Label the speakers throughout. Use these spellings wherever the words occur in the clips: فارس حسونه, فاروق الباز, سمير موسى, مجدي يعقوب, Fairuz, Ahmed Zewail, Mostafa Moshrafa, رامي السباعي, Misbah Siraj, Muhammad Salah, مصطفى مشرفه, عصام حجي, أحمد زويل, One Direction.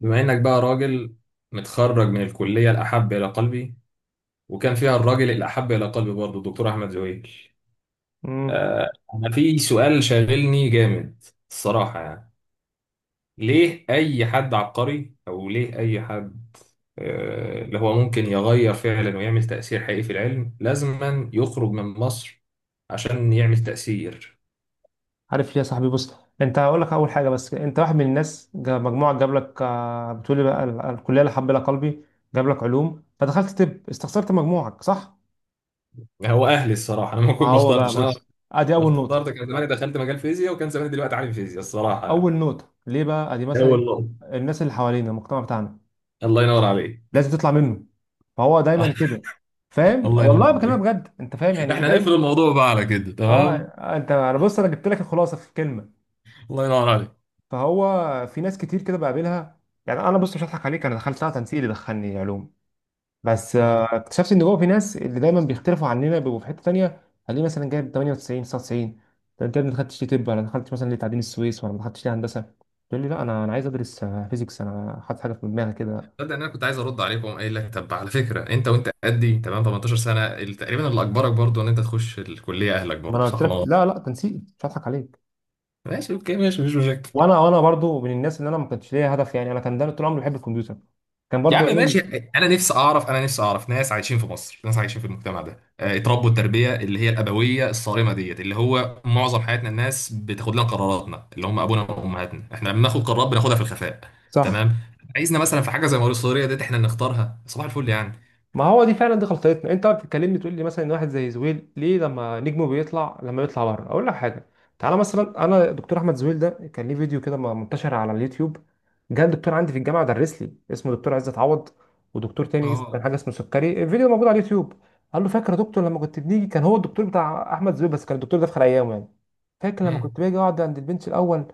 Speaker 1: بما انك بقى راجل متخرج من الكلية الأحب إلى قلبي، وكان فيها الراجل الأحب إلى قلبي برضه الدكتور أحمد زويل.
Speaker 2: امم
Speaker 1: أنا في سؤال شاغلني جامد الصراحة يعني. ليه أي حد عبقري أو ليه أي حد اللي هو ممكن يغير فعلا ويعمل تأثير حقيقي في العلم لازما يخرج من مصر عشان يعمل تأثير؟
Speaker 2: عارف ليه يا صاحبي؟ بص، انت هقول لك اول حاجه. بس انت واحد من الناس مجموعه جاب لك، بتقولي بقى الكليه اللي حبلها قلبي، جاب لك علوم فدخلت طب استخسرت مجموعك، صح؟
Speaker 1: هو أهلي الصراحة، أنا ما
Speaker 2: ما
Speaker 1: كنت ما
Speaker 2: هو بقى
Speaker 1: اخترتش أنا،
Speaker 2: بص، ادي اول نقطه.
Speaker 1: اخترت كان زماني دخلت مجال فيزياء وكان زماني دلوقتي عالم فيزياء الصراحة
Speaker 2: اول
Speaker 1: يعني.
Speaker 2: نقطه ليه بقى؟ ادي مثلا
Speaker 1: هو
Speaker 2: إيه؟
Speaker 1: النقطة
Speaker 2: الناس اللي حوالينا، المجتمع بتاعنا
Speaker 1: الله ينور عليك.
Speaker 2: لازم تطلع منه. فهو دايما كده. فاهم؟
Speaker 1: الله ينور
Speaker 2: والله بكلمك
Speaker 1: عليك.
Speaker 2: بجد، انت فاهم يعني
Speaker 1: احنا هنقفل
Speaker 2: دايما.
Speaker 1: الموضوع بقى على كده،
Speaker 2: اه،
Speaker 1: تمام؟
Speaker 2: انت انا بص، انا جبت لك الخلاصه في كلمه.
Speaker 1: الله ينور عليك.
Speaker 2: فهو في ناس كتير كده بقابلها. يعني انا بص، مش هضحك عليك، انا دخلتها تنسيق اللي دخلني علوم. بس اكتشفت ان جوه في ناس اللي دايما بيختلفوا عننا، بيبقوا في حته تانيه، هتلاقيه مثلا جايب 98 99. طب انت يا ابني ما دخلتش ليه طب؟ ولا ما دخلتش مثلا ليه تعدين السويس؟ ولا ما دخلتش ليه هندسه؟ تقول لي لا، انا عايز ادرس فيزيكس، انا حاطط حاجه في دماغي كده.
Speaker 1: تصدق ان انا كنت عايز ارد عليك واقوم قايل لك، طب على فكره انت وانت قدي تمام 18 سنه تقريبا، اللي اجبرك برضو ان انت تخش الكليه اهلك
Speaker 2: ما
Speaker 1: برضو،
Speaker 2: انا قلت
Speaker 1: صح
Speaker 2: لك،
Speaker 1: ولا لا؟
Speaker 2: لا لا تنسيق، مش هضحك عليك.
Speaker 1: ماشي، اوكي، ماشي، مفيش مشاكل.
Speaker 2: وانا برضو من الناس اللي انا ما كانش ليا هدف، يعني انا كان دايما طول عمري بحب الكمبيوتر، كان
Speaker 1: يا
Speaker 2: برضو
Speaker 1: عم
Speaker 2: علوم.
Speaker 1: ماشي، شيء انا نفسي اعرف، انا نفسي اعرف ناس عايشين في مصر، ناس عايشين في المجتمع ده اتربوا التربيه اللي هي الابويه الصارمه ديت، اللي هو معظم حياتنا الناس بتاخد لنا قراراتنا اللي هم ابونا وامهاتنا، احنا لما بناخد قرارات بناخدها في الخفاء.
Speaker 2: صح،
Speaker 1: تمام. عايزنا مثلا في حاجه زي موارد الصغيره ديت احنا نختارها صباح الفل يعني.
Speaker 2: ما هو دي فعلا دي غلطتنا. انت بقى بتتكلمني تقول لي مثلا ان واحد زي زويل ليه لما نجمه بيطلع، لما بيطلع بره. اقول لك حاجه، تعالى مثلا، انا دكتور احمد زويل ده كان ليه فيديو كده منتشر على اليوتيوب. جه دكتور عندي في الجامعه درس لي، اسمه دكتور عزت عوض، ودكتور تاني اسمه كان
Speaker 1: اه.
Speaker 2: حاجه اسمه سكري. الفيديو موجود على اليوتيوب. قال له فاكر يا دكتور لما كنت بنيجي؟ كان هو الدكتور بتاع احمد زويل، بس كان الدكتور ده في خلال ايام يعني. فاكر لما
Speaker 1: مم.
Speaker 2: كنت باجي اقعد عند البنش الاول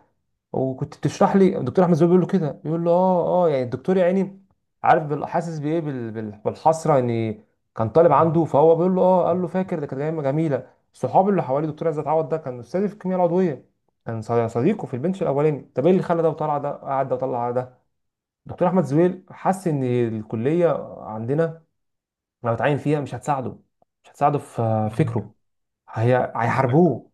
Speaker 2: وكنت بتشرح لي؟ الدكتور احمد زويل بيقول له كده، بيقول له اه اه. يعني الدكتور يا عيني، عارف حاسس بايه، بالحسره ان كان طالب عنده. فهو بيقول له اه، قال له فاكر؟ ده كانت ايام جميله، صحابي اللي حواليه. دكتور عايز اتعوض ده كان استاذي في الكيمياء العضويه، كان صديقه في البنش الاولاني. طب ايه اللي خلى ده وطلع ده، قعد ده وطلع ده؟ دكتور احمد زويل حس ان الكليه عندنا لو اتعين فيها مش هتساعده، مش هتساعده في فكره، هي هيحاربوه.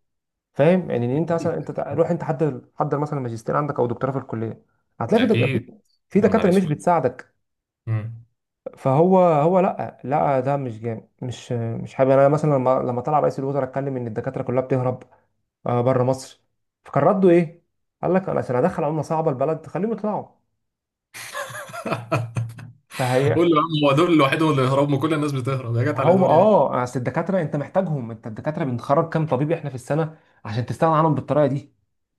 Speaker 2: فاهم يعني؟ ان انت
Speaker 1: اكيد.
Speaker 2: مثلا انت روح انت حضر مثلا ماجستير عندك او دكتوراه في الكليه، هتلاقي في
Speaker 1: اكيد.
Speaker 2: في
Speaker 1: يا نهار
Speaker 2: دكاتره مش
Speaker 1: اسود.
Speaker 2: بتساعدك.
Speaker 1: مم.
Speaker 2: فهو هو لا لا ده مش جامد، مش حابب. انا مثلا لما طلع رئيس الوزراء اتكلم ان الدكاتره كلها بتهرب بره مصر، فكان رده ايه؟ قال لك انا عشان ادخل عمله صعبه البلد خليهم يطلعوا.
Speaker 1: قول
Speaker 2: فهي،
Speaker 1: له يا عم، هو دول لوحدهم اللي يهربوا؟ كل الناس بتهرب، يا جت
Speaker 2: ما
Speaker 1: على
Speaker 2: هو
Speaker 1: دول يعني.
Speaker 2: اه، اصل الدكاتره انت محتاجهم. انت الدكاتره بنخرج كام طبيب احنا في السنه؟ عشان تستغنى عنهم بالطريقه دي.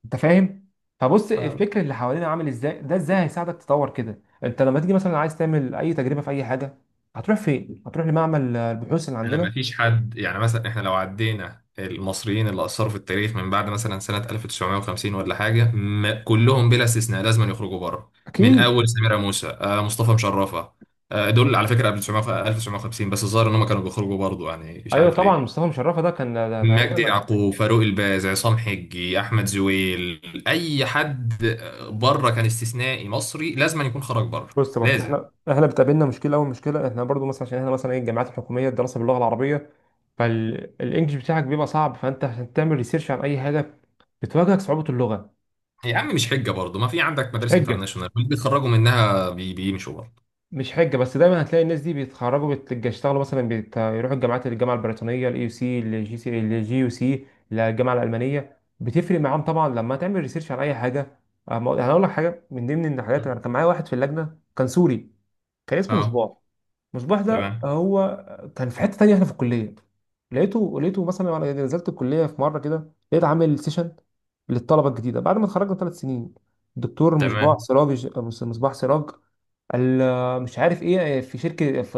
Speaker 2: انت فاهم؟ فبص الفكر اللي حوالينا عامل ازاي، ده ازاي هيساعدك تطور كده؟ انت لما تيجي مثلا عايز تعمل اي تجربه في اي حاجه، هتروح فين؟ هتروح لمعمل البحوث اللي
Speaker 1: لما
Speaker 2: عندنا.
Speaker 1: فيش حد يعني، مثلا احنا لو عدينا المصريين اللي اثروا في التاريخ من بعد مثلا سنه 1950 ولا حاجه، ما كلهم بلا استثناء لازم يخرجوا بره. من
Speaker 2: اكيد.
Speaker 1: اول سمير موسى، مصطفى مشرفه، دول على فكره قبل 1900 1950، بس الظاهر ان هم كانوا بيخرجوا برضه يعني، مش
Speaker 2: ايوه
Speaker 1: عارف
Speaker 2: طبعا
Speaker 1: ليه.
Speaker 2: مصطفى مشرفه ده كان ده
Speaker 1: مجدي
Speaker 2: تقريبا.
Speaker 1: يعقوب، فاروق الباز، عصام حجي، احمد زويل، اي حد بره كان استثنائي مصري لازم يكون خرج بره.
Speaker 2: بص برضه
Speaker 1: لازم.
Speaker 2: احنا، احنا بتقابلنا مشكله. اول مشكله احنا برضه مثلا عشان احنا مثلا ايه، الجامعات الحكوميه الدراسه باللغه العربيه، فالانجليش بتاعك بيبقى صعب، فانت عشان تعمل ريسيرش عن اي حاجه بتواجهك صعوبة اللغة.
Speaker 1: يا عم مش حجه برضه، ما في عندك
Speaker 2: مش
Speaker 1: مدارس
Speaker 2: حجة،
Speaker 1: انترناشونال اللي بيتخرجوا منها بيمشوا بره.
Speaker 2: مش حجة، بس دايما هتلاقي الناس دي بيتخرجوا بيشتغلوا مثلا يروحوا الجامعات، الجامعة البريطانية، الاي يو سي، الجي سي الجي يو سي، الجامعة الألمانية. بتفرق معاهم طبعا لما تعمل ريسيرش على أي حاجة. أه، هقول لك حاجة من ضمن الحاجات. أنا كان معايا واحد في اللجنة كان سوري، كان اسمه
Speaker 1: اه.
Speaker 2: مصباح. مصباح ده
Speaker 1: تمام.
Speaker 2: هو كان في حتة تانية احنا في الكلية. لقيته، لقيته مثلا وانا نزلت الكلية في مرة كده، لقيت عامل سيشن للطلبة الجديدة بعد ما اتخرجنا ثلاث سنين. الدكتور
Speaker 1: تمام.
Speaker 2: مصباح سراج، مصباح سراج مش عارف ايه، في شركه، في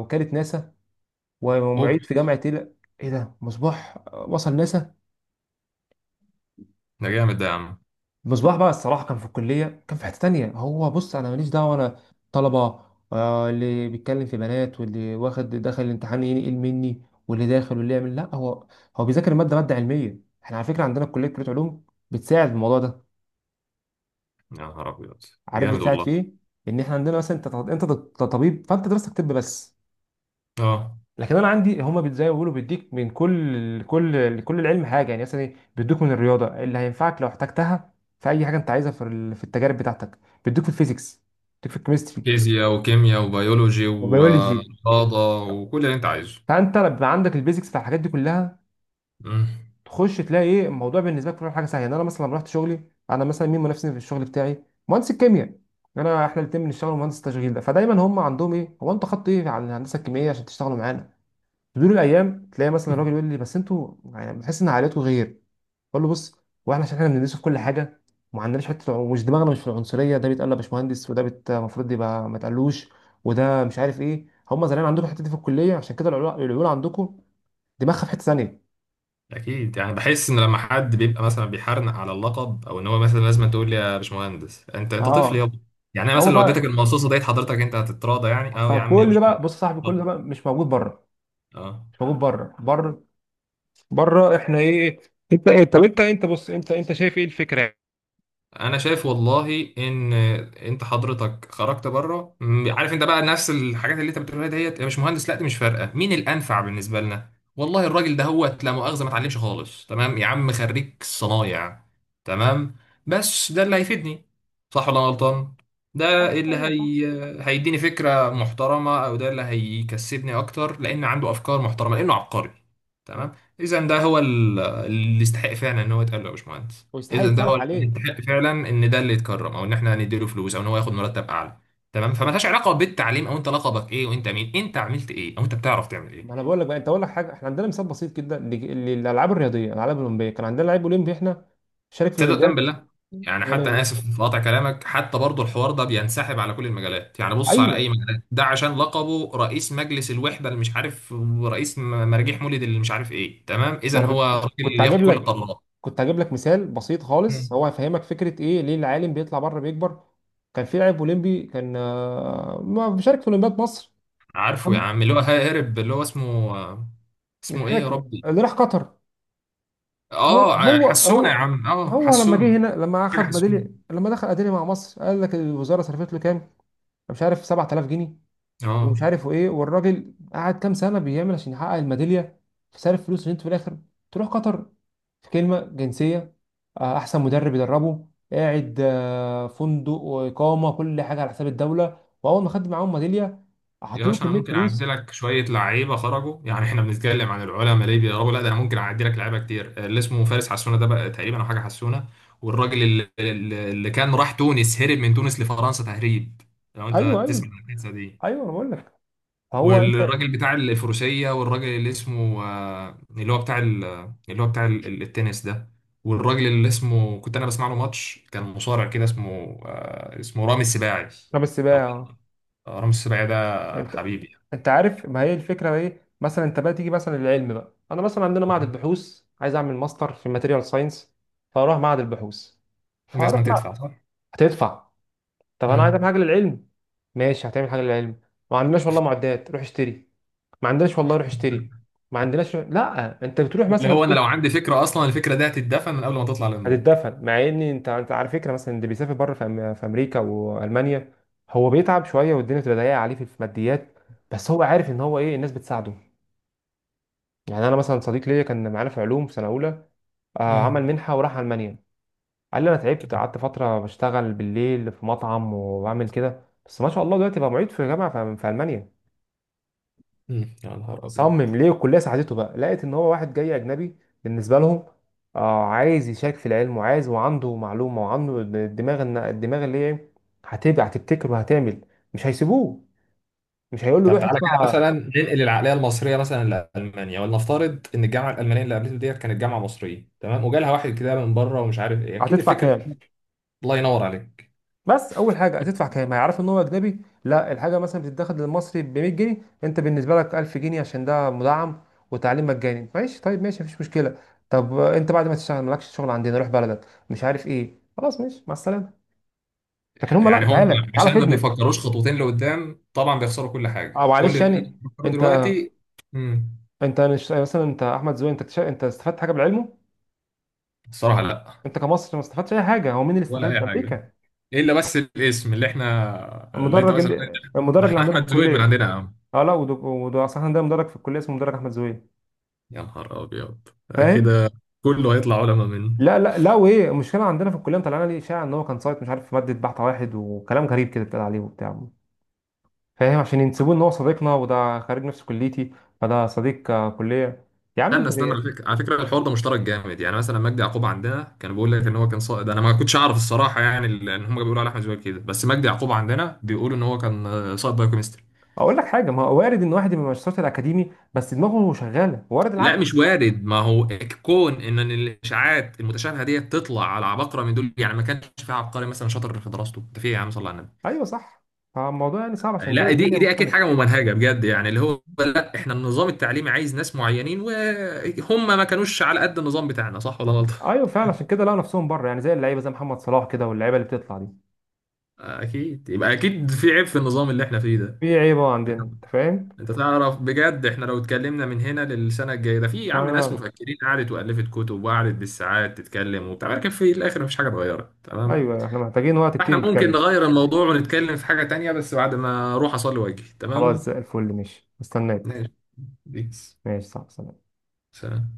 Speaker 2: وكاله ناسا،
Speaker 1: اوب.
Speaker 2: ومعيد في جامعه ايه، لا، ايه ده، مصباح وصل ناسا؟
Speaker 1: ده جامد ده يا عم.
Speaker 2: مصباح بقى الصراحه كان في الكليه كان في حته تانية. هو بص، انا ماليش دعوه، انا طلبه اللي بيتكلم في بنات، واللي واخد دخل الامتحان ينقل مني، واللي داخل، واللي يعمل، لا هو هو بيذاكر الماده، ماده علميه. احنا على فكره عندنا كليه، كليه علوم، بتساعد في الموضوع ده.
Speaker 1: يا نهار ابيض.
Speaker 2: عارف
Speaker 1: جامد
Speaker 2: بتساعد في
Speaker 1: والله.
Speaker 2: ايه؟ ان احنا عندنا مثلا، انت انت طبيب، فانت دراستك طب بس.
Speaker 1: اه.
Speaker 2: لكن انا عندي هما زي ما بيقولوا بيديك من كل العلم حاجه. يعني مثلا بيدوك من الرياضه اللي هينفعك لو احتجتها في اي حاجه انت عايزها في في التجارب بتاعتك، بيدوك في الفيزيكس، بيديك في الكيمستري،
Speaker 1: فيزياء وكيمياء وبيولوجي
Speaker 2: وبيولوجي.
Speaker 1: ورياضة وكل اللي انت عايزه.
Speaker 2: فانت لما بيبقى عندك البيزكس بتاع الحاجات دي كلها،
Speaker 1: مم.
Speaker 2: تخش تلاقي ايه الموضوع بالنسبه لك كل حاجه سهله. يعني انا مثلا لما رحت شغلي، انا مثلا مين منافسني في الشغل بتاعي؟ مهندس الكيمياء. انا احنا الاثنين بنشتغل مهندس التشغيل ده. فدايما هم عندهم ايه، هو انت خدت ايه على الهندسه الكيميائيه عشان تشتغلوا معانا؟ تدور الايام تلاقي مثلا الراجل يقول لي، بس انتوا يعني بتحس ان عائلته غير. بقول له بص، هو احنا عشان احنا بندرسه في كل حاجه، وما عندناش حته مش دماغنا مش في العنصريه. ده بيتقال له يا باشمهندس، وده المفروض يبقى ما تقلوش، وده مش عارف ايه، هم زمان عندكم الحته دي في الكليه عشان كده، العيول العيول عندكم دماغها في حته ثانيه.
Speaker 1: اكيد، يعني بحس ان لما حد بيبقى مثلا بيحرنق على اللقب، او ان هو مثلا لازم تقول لي يا باشمهندس، انت انت طفل
Speaker 2: اه.
Speaker 1: يابا. يعني انا
Speaker 2: هو
Speaker 1: مثلا لو اديتك
Speaker 2: بقى،
Speaker 1: المصاصه ديت حضرتك انت هتتراضى يعني، اه يا عم يا
Speaker 2: فكل ده بقى،
Speaker 1: باشمهندس.
Speaker 2: بص يا صاحبي كل ده
Speaker 1: اتفضل.
Speaker 2: بقى مش موجود بره.
Speaker 1: اه.
Speaker 2: مش موجود بره، بره، بره احنا ايه انت ايه؟ طب انت، انت بص انت شايف ايه الفكره؟
Speaker 1: انا شايف والله ان انت حضرتك خرجت بره عارف انت بقى نفس الحاجات اللي انت بتقولها ديت، يا مش مهندس لا، دي مش فارقه مين الانفع بالنسبه لنا. والله الراجل ده هو لا مؤاخذه ما اتعلمش خالص، تمام، يا عم خريج صنايع، تمام، بس ده اللي هيفيدني، صح ولا أنا غلطان؟ ده
Speaker 2: صح،
Speaker 1: اللي
Speaker 2: ايوه صح.
Speaker 1: هي... هيديني فكره محترمه، او ده اللي هيكسبني اكتر لان عنده افكار محترمه لانه عبقري. تمام. اذا ده هو اللي يستحق فعلا ان هو يتقال له يا باشمهندس.
Speaker 2: ويستحق
Speaker 1: اذا ده
Speaker 2: يتصرف
Speaker 1: هو اللي
Speaker 2: عليه.
Speaker 1: يستحق فعلا ان ده اللي يتكرم، او ان احنا نديله فلوس، او ان هو ياخد مرتب اعلى. تمام. فمالهاش علاقه بالتعليم او انت لقبك ايه وانت مين، انت عملت ايه او انت بتعرف تعمل
Speaker 2: ما
Speaker 1: ايه.
Speaker 2: انا بقول لك بقى، انت اقول لك حاجه، احنا عندنا مثال بسيط جدا للالعاب الرياضيه، الالعاب الاولمبيه. كان عندنا لعيب اولمبي احنا، شارك في
Speaker 1: تصدق وتأمن
Speaker 2: الاولمبياد.
Speaker 1: بالله. يعني حتى انا
Speaker 2: يعني-
Speaker 1: اسف في قطع كلامك، حتى برضه الحوار ده بينسحب على كل المجالات. يعني بص على اي
Speaker 2: ايوه،
Speaker 1: مجال ده، عشان لقبه رئيس مجلس الوحده اللي مش عارف، ورئيس مراجيح مولد اللي مش عارف ايه، تمام،
Speaker 2: ما
Speaker 1: اذا
Speaker 2: انا
Speaker 1: هو
Speaker 2: كنت
Speaker 1: راجل
Speaker 2: كنت
Speaker 1: اللي
Speaker 2: هجيب
Speaker 1: ياخد كل
Speaker 2: لك،
Speaker 1: القرارات.
Speaker 2: كنت هجيب لك مثال بسيط خالص
Speaker 1: مم.
Speaker 2: هو هيفهمك فكره ايه ليه العالم بيطلع بره بيكبر. كان في لاعب اولمبي كان ما بيشارك في اولمبياد مصر.
Speaker 1: عارفه يا
Speaker 2: أم-
Speaker 1: عم اللي هو هارب، اللي هو اسمه،
Speaker 2: مش
Speaker 1: اسمه ايه يا
Speaker 2: فاكر
Speaker 1: ربي؟
Speaker 2: اللي راح قطر. هو
Speaker 1: اه،
Speaker 2: هو
Speaker 1: حسونة يا
Speaker 2: هو
Speaker 1: عم، اه
Speaker 2: هو لما جه
Speaker 1: حسونة،
Speaker 2: هنا، لما
Speaker 1: حاجة
Speaker 2: اخد
Speaker 1: حسونة.
Speaker 2: بديل، لما دخل اديلي مع مصر، قال لك الوزاره صرفت له كام؟ مش عارف، 7000 جنيه
Speaker 1: اه.
Speaker 2: ومش عارف ايه. والراجل قعد كام سنه بيعمل عشان يحقق الميداليه؟ فصرف فلوس عشان انت في الاخر تروح قطر؟ في كلمه جنسيه، احسن مدرب يدربه، قاعد فندق واقامه، كل حاجه على حساب الدوله، واول ما خد معاهم ميداليه
Speaker 1: يا
Speaker 2: حطوا له
Speaker 1: باشا انا
Speaker 2: كميه
Speaker 1: ممكن اعدي
Speaker 2: فلوس.
Speaker 1: لك شويه لعيبه خرجوا، يعني احنا بنتكلم عن العلماء ليه بيقربوا، لا ده انا ممكن اعدي لك لعيبه كتير، اللي اسمه فارس حسونه ده بقى، تقريبا او حاجه حسونه. والراجل اللي كان راح تونس هرب من تونس لفرنسا تهريب، لو انت
Speaker 2: ايوه
Speaker 1: تسمع
Speaker 2: ايوه
Speaker 1: القصه دي.
Speaker 2: ايوه انا بقول لك. فهو انت،
Speaker 1: والراجل بتاع الفروسية، والراجل اللي اسمه اللي هو اللي هو بتاع التنس ده. والراجل اللي اسمه، كنت انا بسمع له ماتش، كان مصارع كده، اسمه اسمه رامي السباعي.
Speaker 2: طب
Speaker 1: أو-
Speaker 2: السباع،
Speaker 1: رامي السباعي ده
Speaker 2: انت
Speaker 1: حبيبي.
Speaker 2: انت عارف ما هي الفكره ايه؟ مثلا انت بقى تيجي مثلا للعلم بقى، انا مثلا عندنا معهد
Speaker 1: يعني
Speaker 2: البحوث، عايز اعمل ماستر في ماتيريال ساينس، فاروح معهد البحوث، فهروح.
Speaker 1: لازم تدفع، صح؟
Speaker 2: هتدفع. طب انا عايز أعمل
Speaker 1: مم.
Speaker 2: حاجه للعلم. ماشي، هتعمل حاجه للعلم، ما عندناش والله معدات، روح اشتري. ما عندناش والله، روح اشتري. ما عندناش. لا انت بتروح
Speaker 1: اللي
Speaker 2: مثلا
Speaker 1: هو انا
Speaker 2: بتقول،
Speaker 1: لو عندي فكرة اصلا الفكرة دي هتتدفن من قبل ما تطلع للنور.
Speaker 2: هتتدفن. مع ان انت، انت على فكره مثلا اللي بيسافر بره في، في امريكا والمانيا، هو بيتعب شويه والدنيا بتبقى ضيقه عليه في الماديات، بس هو عارف ان هو ايه، الناس بتساعده. يعني انا مثلا صديق ليا كان معانا في علوم في سنه اولى،
Speaker 1: مم.
Speaker 2: عمل منحه وراح المانيا. قال لي انا تعبت، قعدت فتره بشتغل بالليل في مطعم وبعمل كده، بس ما شاء الله دلوقتي بقى معيد في جامعه في في المانيا.
Speaker 1: مم. يا نهار ابيض.
Speaker 2: صمم ليه؟ الكليه ساعدته بقى، لقيت ان هو واحد جاي اجنبي بالنسبه لهم، آه عايز يشارك في العلم، وعايز وعنده معلومه، وعنده الدماغ الدماغ اللي هي هتبقى، هتبتكر وهتعمل. مش هيسيبوه، مش هيقول له
Speaker 1: طب
Speaker 2: روح
Speaker 1: تعالى كده
Speaker 2: ادفع
Speaker 1: مثلا ننقل العقليه المصريه مثلا لالمانيا، ولنفترض ان الجامعه الالمانيه اللي قابلته ديت كانت جامعه مصريه، تمام، وجالها واحد كده من بره ومش عارف ايه، اكيد
Speaker 2: هتدفع
Speaker 1: الفكره.
Speaker 2: كام.
Speaker 1: الله ينور عليك.
Speaker 2: بس اول حاجه هتدفع كام، هيعرف ان هو اجنبي، لا الحاجه مثلا بتتاخد للمصري ب 100 جنيه، انت بالنسبه لك 1000 جنيه عشان ده مدعم وتعليم مجاني. ماشي طيب، ماشي مفيش مشكله. طب انت بعد ما تشتغل مالكش شغل عندنا، روح بلدك مش عارف ايه، خلاص ماشي مع السلامه. لكن هم لا،
Speaker 1: يعني هم
Speaker 2: تعالى تعالى
Speaker 1: عشان ما
Speaker 2: فيدنا.
Speaker 1: بيفكروش خطوتين لقدام طبعا بيخسروا كل
Speaker 2: اه،
Speaker 1: حاجه، كل
Speaker 2: معلش.
Speaker 1: اللي هم
Speaker 2: يعني
Speaker 1: بيفكروا
Speaker 2: انت،
Speaker 1: دلوقتي. امم
Speaker 2: انت مش مثلا انت احمد زويل، انت انت استفدت حاجه بالعلم؟
Speaker 1: الصراحه لا.
Speaker 2: انت كمصر ما استفدتش اي حاجه. هو مين اللي
Speaker 1: ولا
Speaker 2: استفاد؟
Speaker 1: اي حاجه.
Speaker 2: امريكا.
Speaker 1: الا بس الاسم اللي احنا، اللي انت
Speaker 2: المدرج،
Speaker 1: مثلا،
Speaker 2: اللي المدرج
Speaker 1: ده
Speaker 2: اللي
Speaker 1: احنا
Speaker 2: عندنا في
Speaker 1: احمد زويل من
Speaker 2: الكليه.
Speaker 1: عندنا يا عم.
Speaker 2: اه لا، وده، وده اصلا عندنا مدرج في الكليه اسمه مدرج احمد زويل.
Speaker 1: يا نهار ابيض
Speaker 2: فاهم؟
Speaker 1: كده، كله هيطلع علماء منه.
Speaker 2: لا وايه المشكله؟ عندنا في الكليه مطلعنا ليه اشاعه ان هو كان سايت، مش عارف في ماده، بحث واحد وكلام غريب كده اتقال عليه وبتاع. فاهم؟ عشان ينسبوه ان هو صديقنا وده خريج نفس كليتي، فده صديق كليه. يا عم انت،
Speaker 1: استنى استنى، على فكره، على فكره الحوار ده مشترك جامد، يعني مثلا مجدي يعقوب عندنا كان بيقول لك ان هو كان صائد، انا ما كنتش اعرف الصراحه يعني، ان هم بيقولوا على احمد زويل كده، بس مجدي يعقوب عندنا بيقولوا ان هو كان صائد بايوكيمستري.
Speaker 2: اقول لك حاجه، ما هو وارد ان واحد يبقى مش شاطر اكاديمي بس دماغه شغاله، وارد
Speaker 1: لا
Speaker 2: العكس.
Speaker 1: مش وارد، ما هو كون ان الاشاعات المتشابهه دي تطلع على عباقره من دول يعني، ما كانش في عبقري مثلا شاطر في دراسته ده في إيه يا عم، صلى على النبي.
Speaker 2: ايوه صح. فالموضوع يعني صعب، عشان كده
Speaker 1: لا دي
Speaker 2: الدنيا
Speaker 1: دي اكيد
Speaker 2: مختلفه.
Speaker 1: حاجه ممنهجه بجد، يعني اللي هو لا، احنا النظام التعليمي عايز ناس معينين وهم ما كانوش على قد النظام بتاعنا، صح ولا غلط؟
Speaker 2: ايوه فعلا، عشان كده لقوا نفسهم بره يعني، زي اللعيبه، زي محمد صلاح كده واللعيبه اللي بتطلع دي.
Speaker 1: اكيد، يبقى اكيد في عيب في النظام اللي احنا فيه ده.
Speaker 2: في عيبه
Speaker 1: انت
Speaker 2: عندنا. انت فاهم؟
Speaker 1: أنت تعرف بجد احنا لو اتكلمنا من هنا للسنه الجايه ده، في
Speaker 2: مش
Speaker 1: يا عم ناس
Speaker 2: عارف.
Speaker 1: مفكرين قعدت والفت كتب وقعدت بالساعات تتكلم وبتاع، لكن في الاخر مفيش حاجه اتغيرت، تمام؟
Speaker 2: ايوه احنا محتاجين وقت
Speaker 1: فاحنا
Speaker 2: كتير
Speaker 1: ممكن
Speaker 2: نتكلم.
Speaker 1: نغير الموضوع ونتكلم في حاجه تانية بس بعد ما اروح اصلي واجي،
Speaker 2: خلاص
Speaker 1: تمام؟
Speaker 2: زي الفل، ماشي مستناك.
Speaker 1: ماشي. بيس.
Speaker 2: ماشي، صح، سلام.
Speaker 1: سلام.